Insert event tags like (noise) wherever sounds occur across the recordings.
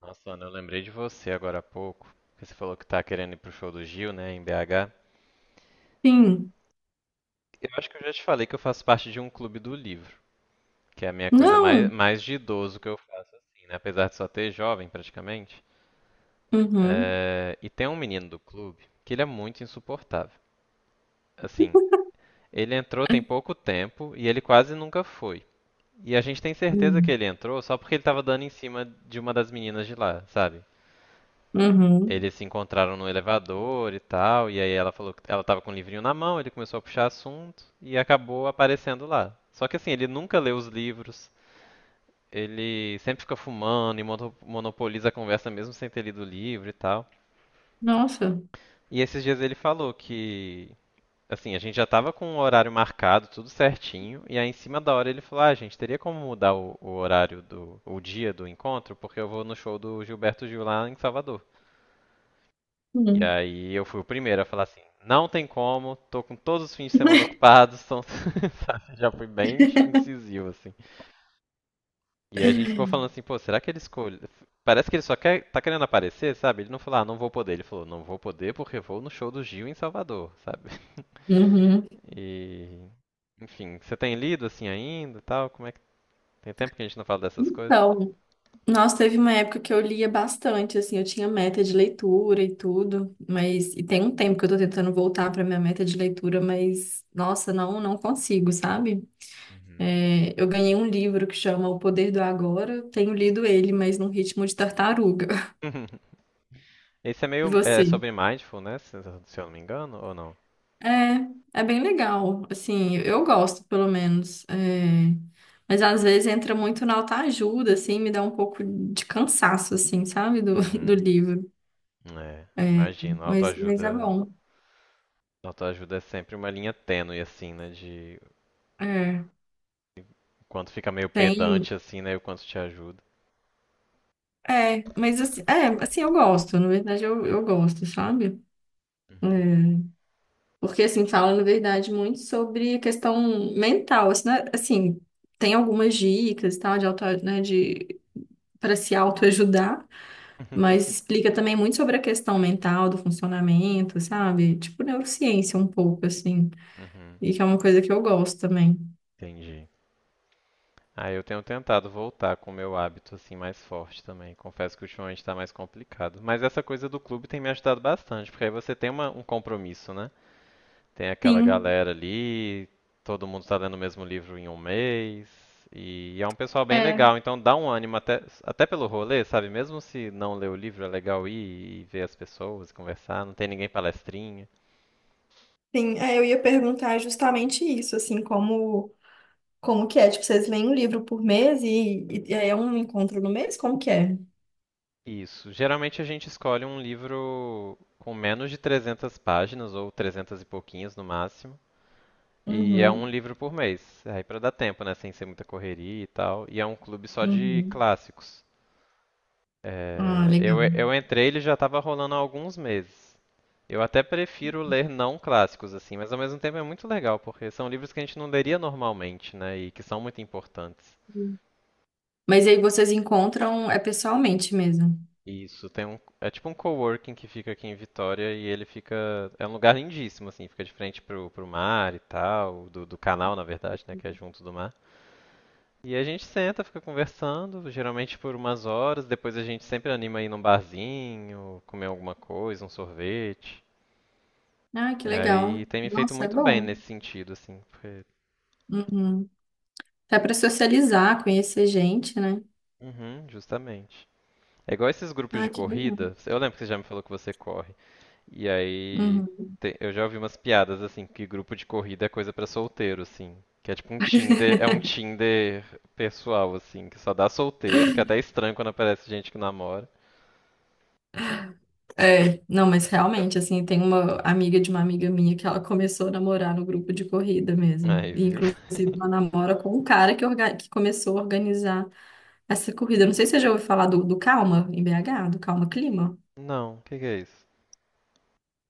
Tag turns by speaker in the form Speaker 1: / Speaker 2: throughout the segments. Speaker 1: Nossa, Ana, eu lembrei de você agora há pouco, que você falou que tá querendo ir pro show do Gil, né, em BH.
Speaker 2: Sim.
Speaker 1: Eu acho que eu já te falei que eu faço parte de um clube do livro, que é a minha coisa mais,
Speaker 2: Não.
Speaker 1: mais de idoso que eu faço, assim, né, apesar de só ter jovem praticamente.
Speaker 2: Uhum.
Speaker 1: E tem um menino do clube que ele é muito insuportável. Assim, ele entrou tem pouco tempo e ele quase nunca foi. E a gente tem certeza que
Speaker 2: Hum.
Speaker 1: ele entrou só porque ele tava dando em cima de uma das meninas de lá, sabe?
Speaker 2: Uhum.
Speaker 1: Eles se encontraram no elevador e tal, e aí ela falou que ela tava com o livrinho na mão, ele começou a puxar assunto e acabou aparecendo lá. Só que assim, ele nunca lê os livros, ele sempre fica fumando e monopoliza a conversa mesmo sem ter lido o livro e tal.
Speaker 2: Nossa.
Speaker 1: E esses dias ele falou que, assim, a gente já tava com o horário marcado, tudo certinho, e aí em cima da hora ele falou: ah, gente, teria como mudar o horário do, o dia do encontro, porque eu vou no show do Gilberto Gil lá em Salvador. E
Speaker 2: Hum.
Speaker 1: aí eu fui o primeiro a falar assim, não tem como, tô com todos os fins de semana ocupados, então (laughs) já fui bem
Speaker 2: (laughs)
Speaker 1: incisivo, assim. E aí a gente ficou falando assim, pô, será que ele escolhe? Parece que ele só quer, tá querendo aparecer, sabe? Ele não falou, ah, não vou poder. Ele falou, não vou poder porque vou no show do Gil em Salvador, sabe? (laughs)
Speaker 2: Uhum.
Speaker 1: E, enfim, você tem lido assim ainda, e tal? Como é que tem tempo que a gente não fala dessas coisas?
Speaker 2: Então, nossa, teve uma época que eu lia bastante, assim, eu tinha meta de leitura e tudo, mas e tem um tempo que eu tô tentando voltar pra minha meta de leitura, mas nossa, não consigo, sabe?
Speaker 1: Uhum.
Speaker 2: É, eu ganhei um livro que chama O Poder do Agora, tenho lido ele, mas num ritmo de tartaruga. (laughs)
Speaker 1: (laughs) Esse é
Speaker 2: E
Speaker 1: meio é,
Speaker 2: você?
Speaker 1: sobre mindfulness, se eu não me engano, ou não?
Speaker 2: É, é bem legal, assim, eu gosto, pelo menos. É. Mas às vezes entra muito na autoajuda, assim, me dá um pouco de cansaço, assim, sabe, (laughs) do
Speaker 1: Uhum.
Speaker 2: livro.
Speaker 1: É,
Speaker 2: É,
Speaker 1: imagino,
Speaker 2: mas é
Speaker 1: autoajuda.
Speaker 2: bom.
Speaker 1: Autoajuda é sempre uma linha tênue, assim, né? De
Speaker 2: É,
Speaker 1: o quanto fica meio
Speaker 2: tem.
Speaker 1: pedante, assim, né? E o quanto te ajuda.
Speaker 2: É, mas assim, é, assim, eu gosto, na verdade, eu gosto, sabe? É,
Speaker 1: Uhum.
Speaker 2: porque, assim, fala, na verdade, muito sobre questão mental, assim, né, assim, tem algumas dicas, e tal, de auto, né, de, para se autoajudar. Mas
Speaker 1: (laughs)
Speaker 2: explica também muito sobre a questão mental do funcionamento, sabe? Tipo neurociência um pouco, assim.
Speaker 1: Uhum.
Speaker 2: E que é uma coisa que eu gosto também.
Speaker 1: Entendi. Ah, eu tenho tentado voltar com o meu hábito, assim, mais forte também. Confesso que ultimamente tá mais complicado. Mas essa coisa do clube tem me ajudado bastante, porque aí você tem uma- um compromisso, né? Tem aquela
Speaker 2: Sim,
Speaker 1: galera ali, todo mundo está lendo o mesmo livro em um mês, e é um pessoal bem
Speaker 2: é.
Speaker 1: legal, então dá um ânimo até, até pelo rolê, sabe? Mesmo se não ler o livro, é legal ir e ver as pessoas, conversar, não tem ninguém palestrinha.
Speaker 2: Sim, é, eu ia perguntar justamente isso, assim, como, como que é? Tipo, vocês leem um livro por mês e é um encontro no mês? Como que é?
Speaker 1: Isso. Geralmente a gente escolhe um livro com menos de 300 páginas, ou 300 e pouquinhos no máximo. E é um
Speaker 2: Uhum,
Speaker 1: livro por mês, aí para dar tempo, né, sem ser muita correria e tal. E é um clube só de
Speaker 2: uhum.
Speaker 1: clássicos.
Speaker 2: Ah,
Speaker 1: É,
Speaker 2: legal.
Speaker 1: eu entrei, e ele já estava rolando há alguns meses. Eu até prefiro ler não clássicos, assim, mas ao mesmo tempo é muito legal, porque são livros que a gente não leria normalmente, né, e que são muito importantes.
Speaker 2: Mas aí vocês encontram é pessoalmente mesmo.
Speaker 1: Isso, tem um, é tipo um coworking que fica aqui em Vitória e ele fica, é um lugar lindíssimo, assim, fica de frente pro, pro mar e tal, do, do canal, na verdade, né, que é junto do mar. E a gente senta, fica conversando, geralmente por umas horas, depois a gente sempre anima a ir num barzinho, comer alguma coisa, um sorvete.
Speaker 2: Ah, que
Speaker 1: E
Speaker 2: legal.
Speaker 1: aí tem me feito
Speaker 2: Nossa, é
Speaker 1: muito bem
Speaker 2: bom.
Speaker 1: nesse sentido, assim. Porque...
Speaker 2: Uhum. Até para socializar, conhecer gente, né?
Speaker 1: Uhum, justamente. É igual esses grupos
Speaker 2: Ah,
Speaker 1: de
Speaker 2: que legal.
Speaker 1: corrida. Eu lembro que você já me falou que você corre. E aí
Speaker 2: Uhum.
Speaker 1: eu já ouvi umas piadas assim que grupo de corrida é coisa pra solteiro, assim. Que é tipo um Tinder, é um Tinder pessoal, assim, que só dá solteiro, que é até estranho quando aparece gente que namora.
Speaker 2: É, não, mas realmente, assim, tem uma amiga de uma amiga minha que ela começou a namorar no grupo de corrida mesmo.
Speaker 1: Aí,
Speaker 2: E,
Speaker 1: viu? (laughs)
Speaker 2: inclusive, ela namora com um cara que, que começou a organizar essa corrida. Eu não sei se você já ouviu falar do, do Calma, em BH, do Calma Clima.
Speaker 1: Não, o que que é isso?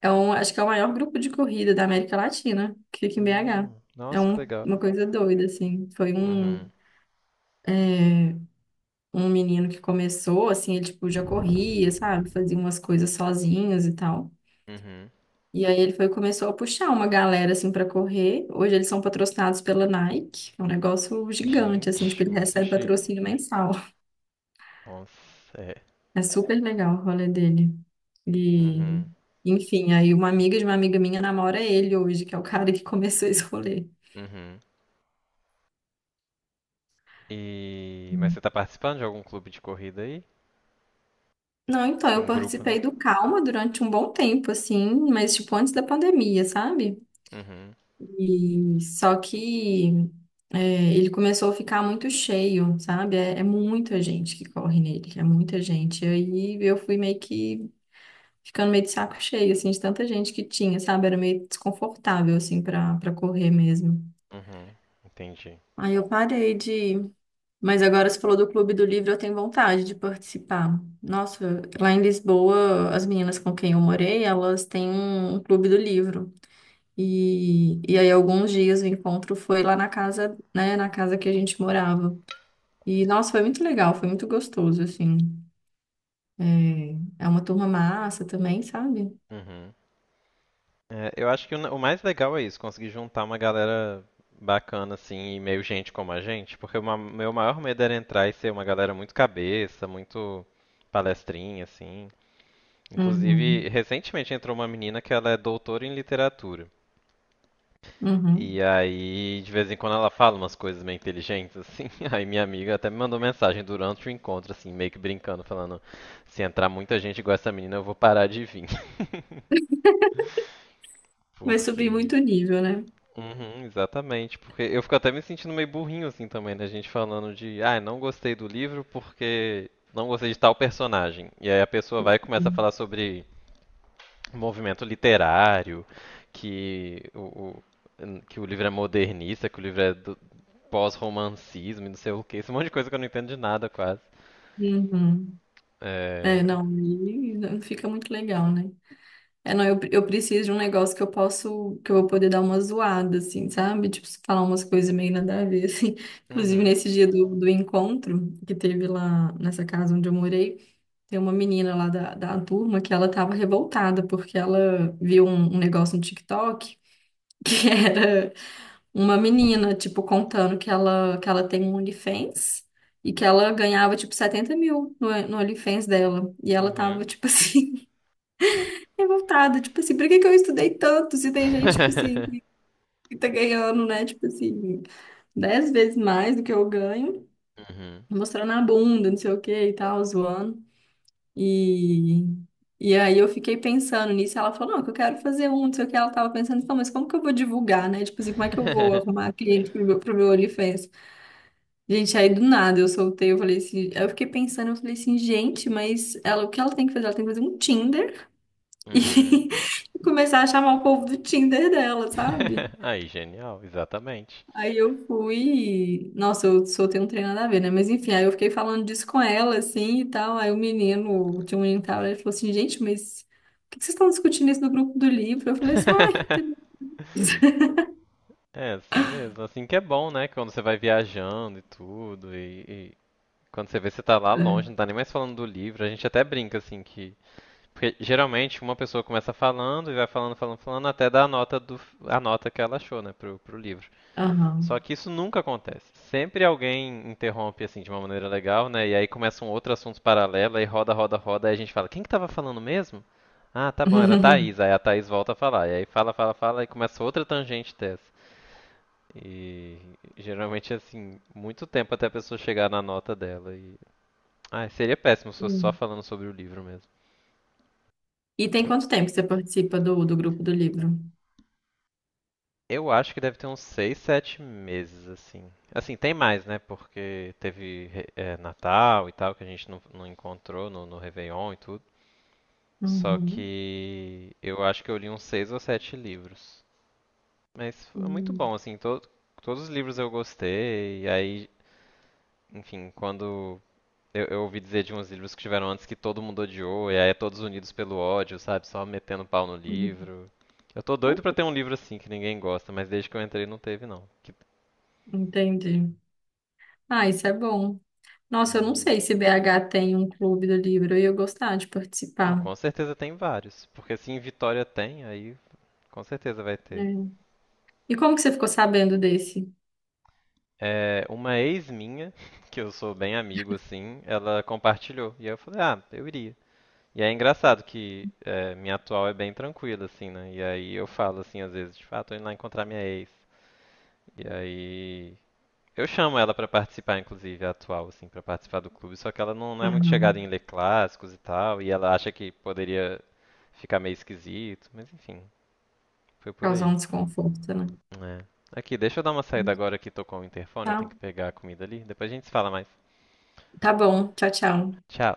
Speaker 2: É um, acho que é o maior grupo de corrida da América Latina, que fica em BH. É
Speaker 1: Nossa, que legal.
Speaker 2: uma coisa doida, assim.
Speaker 1: Uhum,
Speaker 2: É, Um menino que começou, assim, ele, tipo, já corria, sabe? Fazia umas coisas sozinhos e tal.
Speaker 1: uhum.
Speaker 2: E aí ele foi e começou a puxar uma galera assim para correr. Hoje eles são patrocinados pela Nike. É um negócio gigante assim,
Speaker 1: Gente,
Speaker 2: tipo, ele
Speaker 1: muito
Speaker 2: recebe
Speaker 1: chique.
Speaker 2: patrocínio mensal.
Speaker 1: Nossa, é.
Speaker 2: É super legal o rolê dele. E
Speaker 1: Uhum.
Speaker 2: enfim, aí uma amiga de uma amiga minha namora ele hoje, que é o cara que começou esse rolê.
Speaker 1: Uhum. E. Mas você tá participando de algum clube de corrida aí?
Speaker 2: Não, então
Speaker 1: De
Speaker 2: eu
Speaker 1: um grupo, né?
Speaker 2: participei do Calma durante um bom tempo assim, mas tipo antes da pandemia, sabe?
Speaker 1: Uhum.
Speaker 2: E só que é, ele começou a ficar muito cheio, sabe? É muita gente que corre nele, é muita gente. E aí eu fui meio que ficando meio de saco cheio, assim, de tanta gente que tinha, sabe? Era meio desconfortável, assim, pra correr mesmo.
Speaker 1: Uhum. Entendi.
Speaker 2: Aí eu parei de. Mas agora você falou do Clube do Livro, eu tenho vontade de participar. Nossa, lá em Lisboa, as meninas com quem eu morei, elas têm um clube do livro. E aí, alguns dias o encontro foi lá na casa, né, na casa que a gente morava. E, nossa, foi muito legal, foi muito gostoso, assim. É, é uma turma massa também, sabe?
Speaker 1: Uhum. É, eu acho que o mais legal é isso, conseguir juntar uma galera bacana, assim, e meio gente como a gente, porque o ma- meu maior medo era entrar e ser uma galera muito cabeça, muito palestrinha, assim. Inclusive,
Speaker 2: Uhum,
Speaker 1: recentemente entrou uma menina que ela é doutora em literatura.
Speaker 2: uhum.
Speaker 1: E aí, de vez em quando ela fala umas coisas meio inteligentes, assim. (laughs) Aí minha amiga até me mandou mensagem durante o encontro, assim, meio que brincando, falando: se entrar muita gente igual essa menina, eu vou parar de vir. (laughs)
Speaker 2: Vai subir muito o nível, né?
Speaker 1: Uhum, exatamente. Porque eu fico até me sentindo meio burrinho, assim, também, né? A gente falando de: ah, não gostei do livro porque não gostei de tal personagem. E aí a pessoa vai e começa a falar sobre movimento literário, que que o livro é modernista, que o livro é do pós-romancismo e não sei o que. Esse monte de coisa que eu não entendo de nada, quase.
Speaker 2: Uhum. É,
Speaker 1: É...
Speaker 2: não, aí não fica muito legal, né? É, não, eu preciso de um negócio que eu posso, que eu vou poder dar uma zoada, assim, sabe? Tipo, falar umas coisas meio nada a ver, assim. (laughs) Inclusive,
Speaker 1: Uhum.
Speaker 2: nesse dia do encontro que teve lá nessa casa onde eu morei, tem uma menina lá da turma que ela tava revoltada porque ela viu um negócio no TikTok que (laughs) era uma menina, tipo, contando que que ela tem um OnlyFans e que ela ganhava, tipo, 70 mil no OnlyFans dela. E ela tava,
Speaker 1: Uhum.
Speaker 2: tipo assim, (laughs) revoltada, tipo assim, por que que eu estudei tanto se tem gente, tipo assim,
Speaker 1: (laughs)
Speaker 2: que tá ganhando, né, tipo assim, 10 vezes mais do que eu ganho,
Speaker 1: uhum.
Speaker 2: mostrando a bunda, não sei o que e tal, zoando. E, e aí eu fiquei pensando nisso, ela falou, não, que eu quero fazer um, não sei o que, ela tava pensando, então, mas como que eu vou divulgar, né? Tipo assim, como é que eu vou
Speaker 1: (laughs)
Speaker 2: arrumar cliente pro meu OnlyFans? Gente, aí do nada eu soltei, eu falei assim, aí eu fiquei pensando, eu falei assim, gente, mas ela, o que ela tem que fazer? Ela tem que fazer um Tinder
Speaker 1: uhum.
Speaker 2: e (laughs) começar a chamar o povo do Tinder dela, sabe?
Speaker 1: (laughs) Aí, genial, exatamente.
Speaker 2: Aí eu fui. Nossa, eu soltei um trem nada a ver, né? Mas enfim, aí eu fiquei falando disso com ela, assim e tal. Aí o menino, tinha um menino que tava lá, ele falou assim: gente, mas por que que vocês estão discutindo isso no grupo do livro? Eu falei assim: uai. Tem-
Speaker 1: (laughs)
Speaker 2: (laughs)
Speaker 1: É assim mesmo, assim que é bom, né? Quando você vai viajando e tudo, e quando você vê que você tá lá longe, não tá nem mais falando do livro, a gente até brinca assim que. Porque geralmente uma pessoa começa falando e vai falando, falando, falando, até dar a nota do, a nota que ela achou, né, pro, pro livro. Só
Speaker 2: Aham.
Speaker 1: que isso nunca acontece. Sempre alguém interrompe assim de uma maneira legal, né? E aí começa um outro assunto paralelo, aí roda, roda, roda, aí a gente fala, quem que tava falando mesmo? Ah, tá bom, era a Thaís.
Speaker 2: (laughs)
Speaker 1: Aí a Thaís volta a falar. E aí fala, fala, fala, e começa outra tangente dessa. E geralmente assim, muito tempo até a pessoa chegar na nota dela. E... Ah, seria péssimo se fosse só
Speaker 2: Hum.
Speaker 1: falando sobre o livro mesmo.
Speaker 2: E tem quanto tempo que você participa do grupo do livro?
Speaker 1: Eu acho que deve ter uns seis, sete meses, assim. Assim, tem mais, né? Porque teve Natal e tal, que a gente não encontrou no, no Réveillon e tudo. Só
Speaker 2: Uhum.
Speaker 1: que eu acho que eu li uns seis ou sete livros. Mas foi muito
Speaker 2: Uhum.
Speaker 1: bom, assim, todos os livros eu gostei. E aí, enfim, quando eu ouvi dizer de uns livros que tiveram antes que todo mundo odiou, e aí é todos unidos pelo ódio, sabe? Só metendo pau no
Speaker 2: Uhum.
Speaker 1: livro. Eu tô doido pra ter um livro assim que ninguém gosta, mas desde que eu entrei não teve, não. Que
Speaker 2: Entendi. Ah, isso é bom. Nossa, eu não
Speaker 1: Uhum.
Speaker 2: sei se BH tem um clube do livro, e eu ia gostar de
Speaker 1: Não,
Speaker 2: participar.
Speaker 1: com certeza tem vários. Porque se em Vitória tem, aí com certeza vai ter.
Speaker 2: É. E como que você ficou sabendo desse?
Speaker 1: É, uma ex minha, (laughs) que eu sou bem amigo assim, ela compartilhou. E aí eu falei, ah, eu iria. E é engraçado que é, minha atual é bem tranquila, assim, né? E aí eu falo assim, às vezes, tipo, ah, tô indo lá encontrar minha ex. E aí. Eu chamo ela pra participar, inclusive, a atual, assim, pra participar do clube, só que ela não é muito chegada em ler clássicos e tal, e ela acha que poderia ficar meio esquisito, mas enfim, foi por
Speaker 2: Causar
Speaker 1: aí.
Speaker 2: um desconforto, né?
Speaker 1: É. Aqui, deixa eu dar uma saída agora que tocou o interfone, eu tenho
Speaker 2: Tá,
Speaker 1: que pegar a comida ali. Depois a gente se fala mais.
Speaker 2: tá bom. Tchau, tchau.
Speaker 1: Tchau.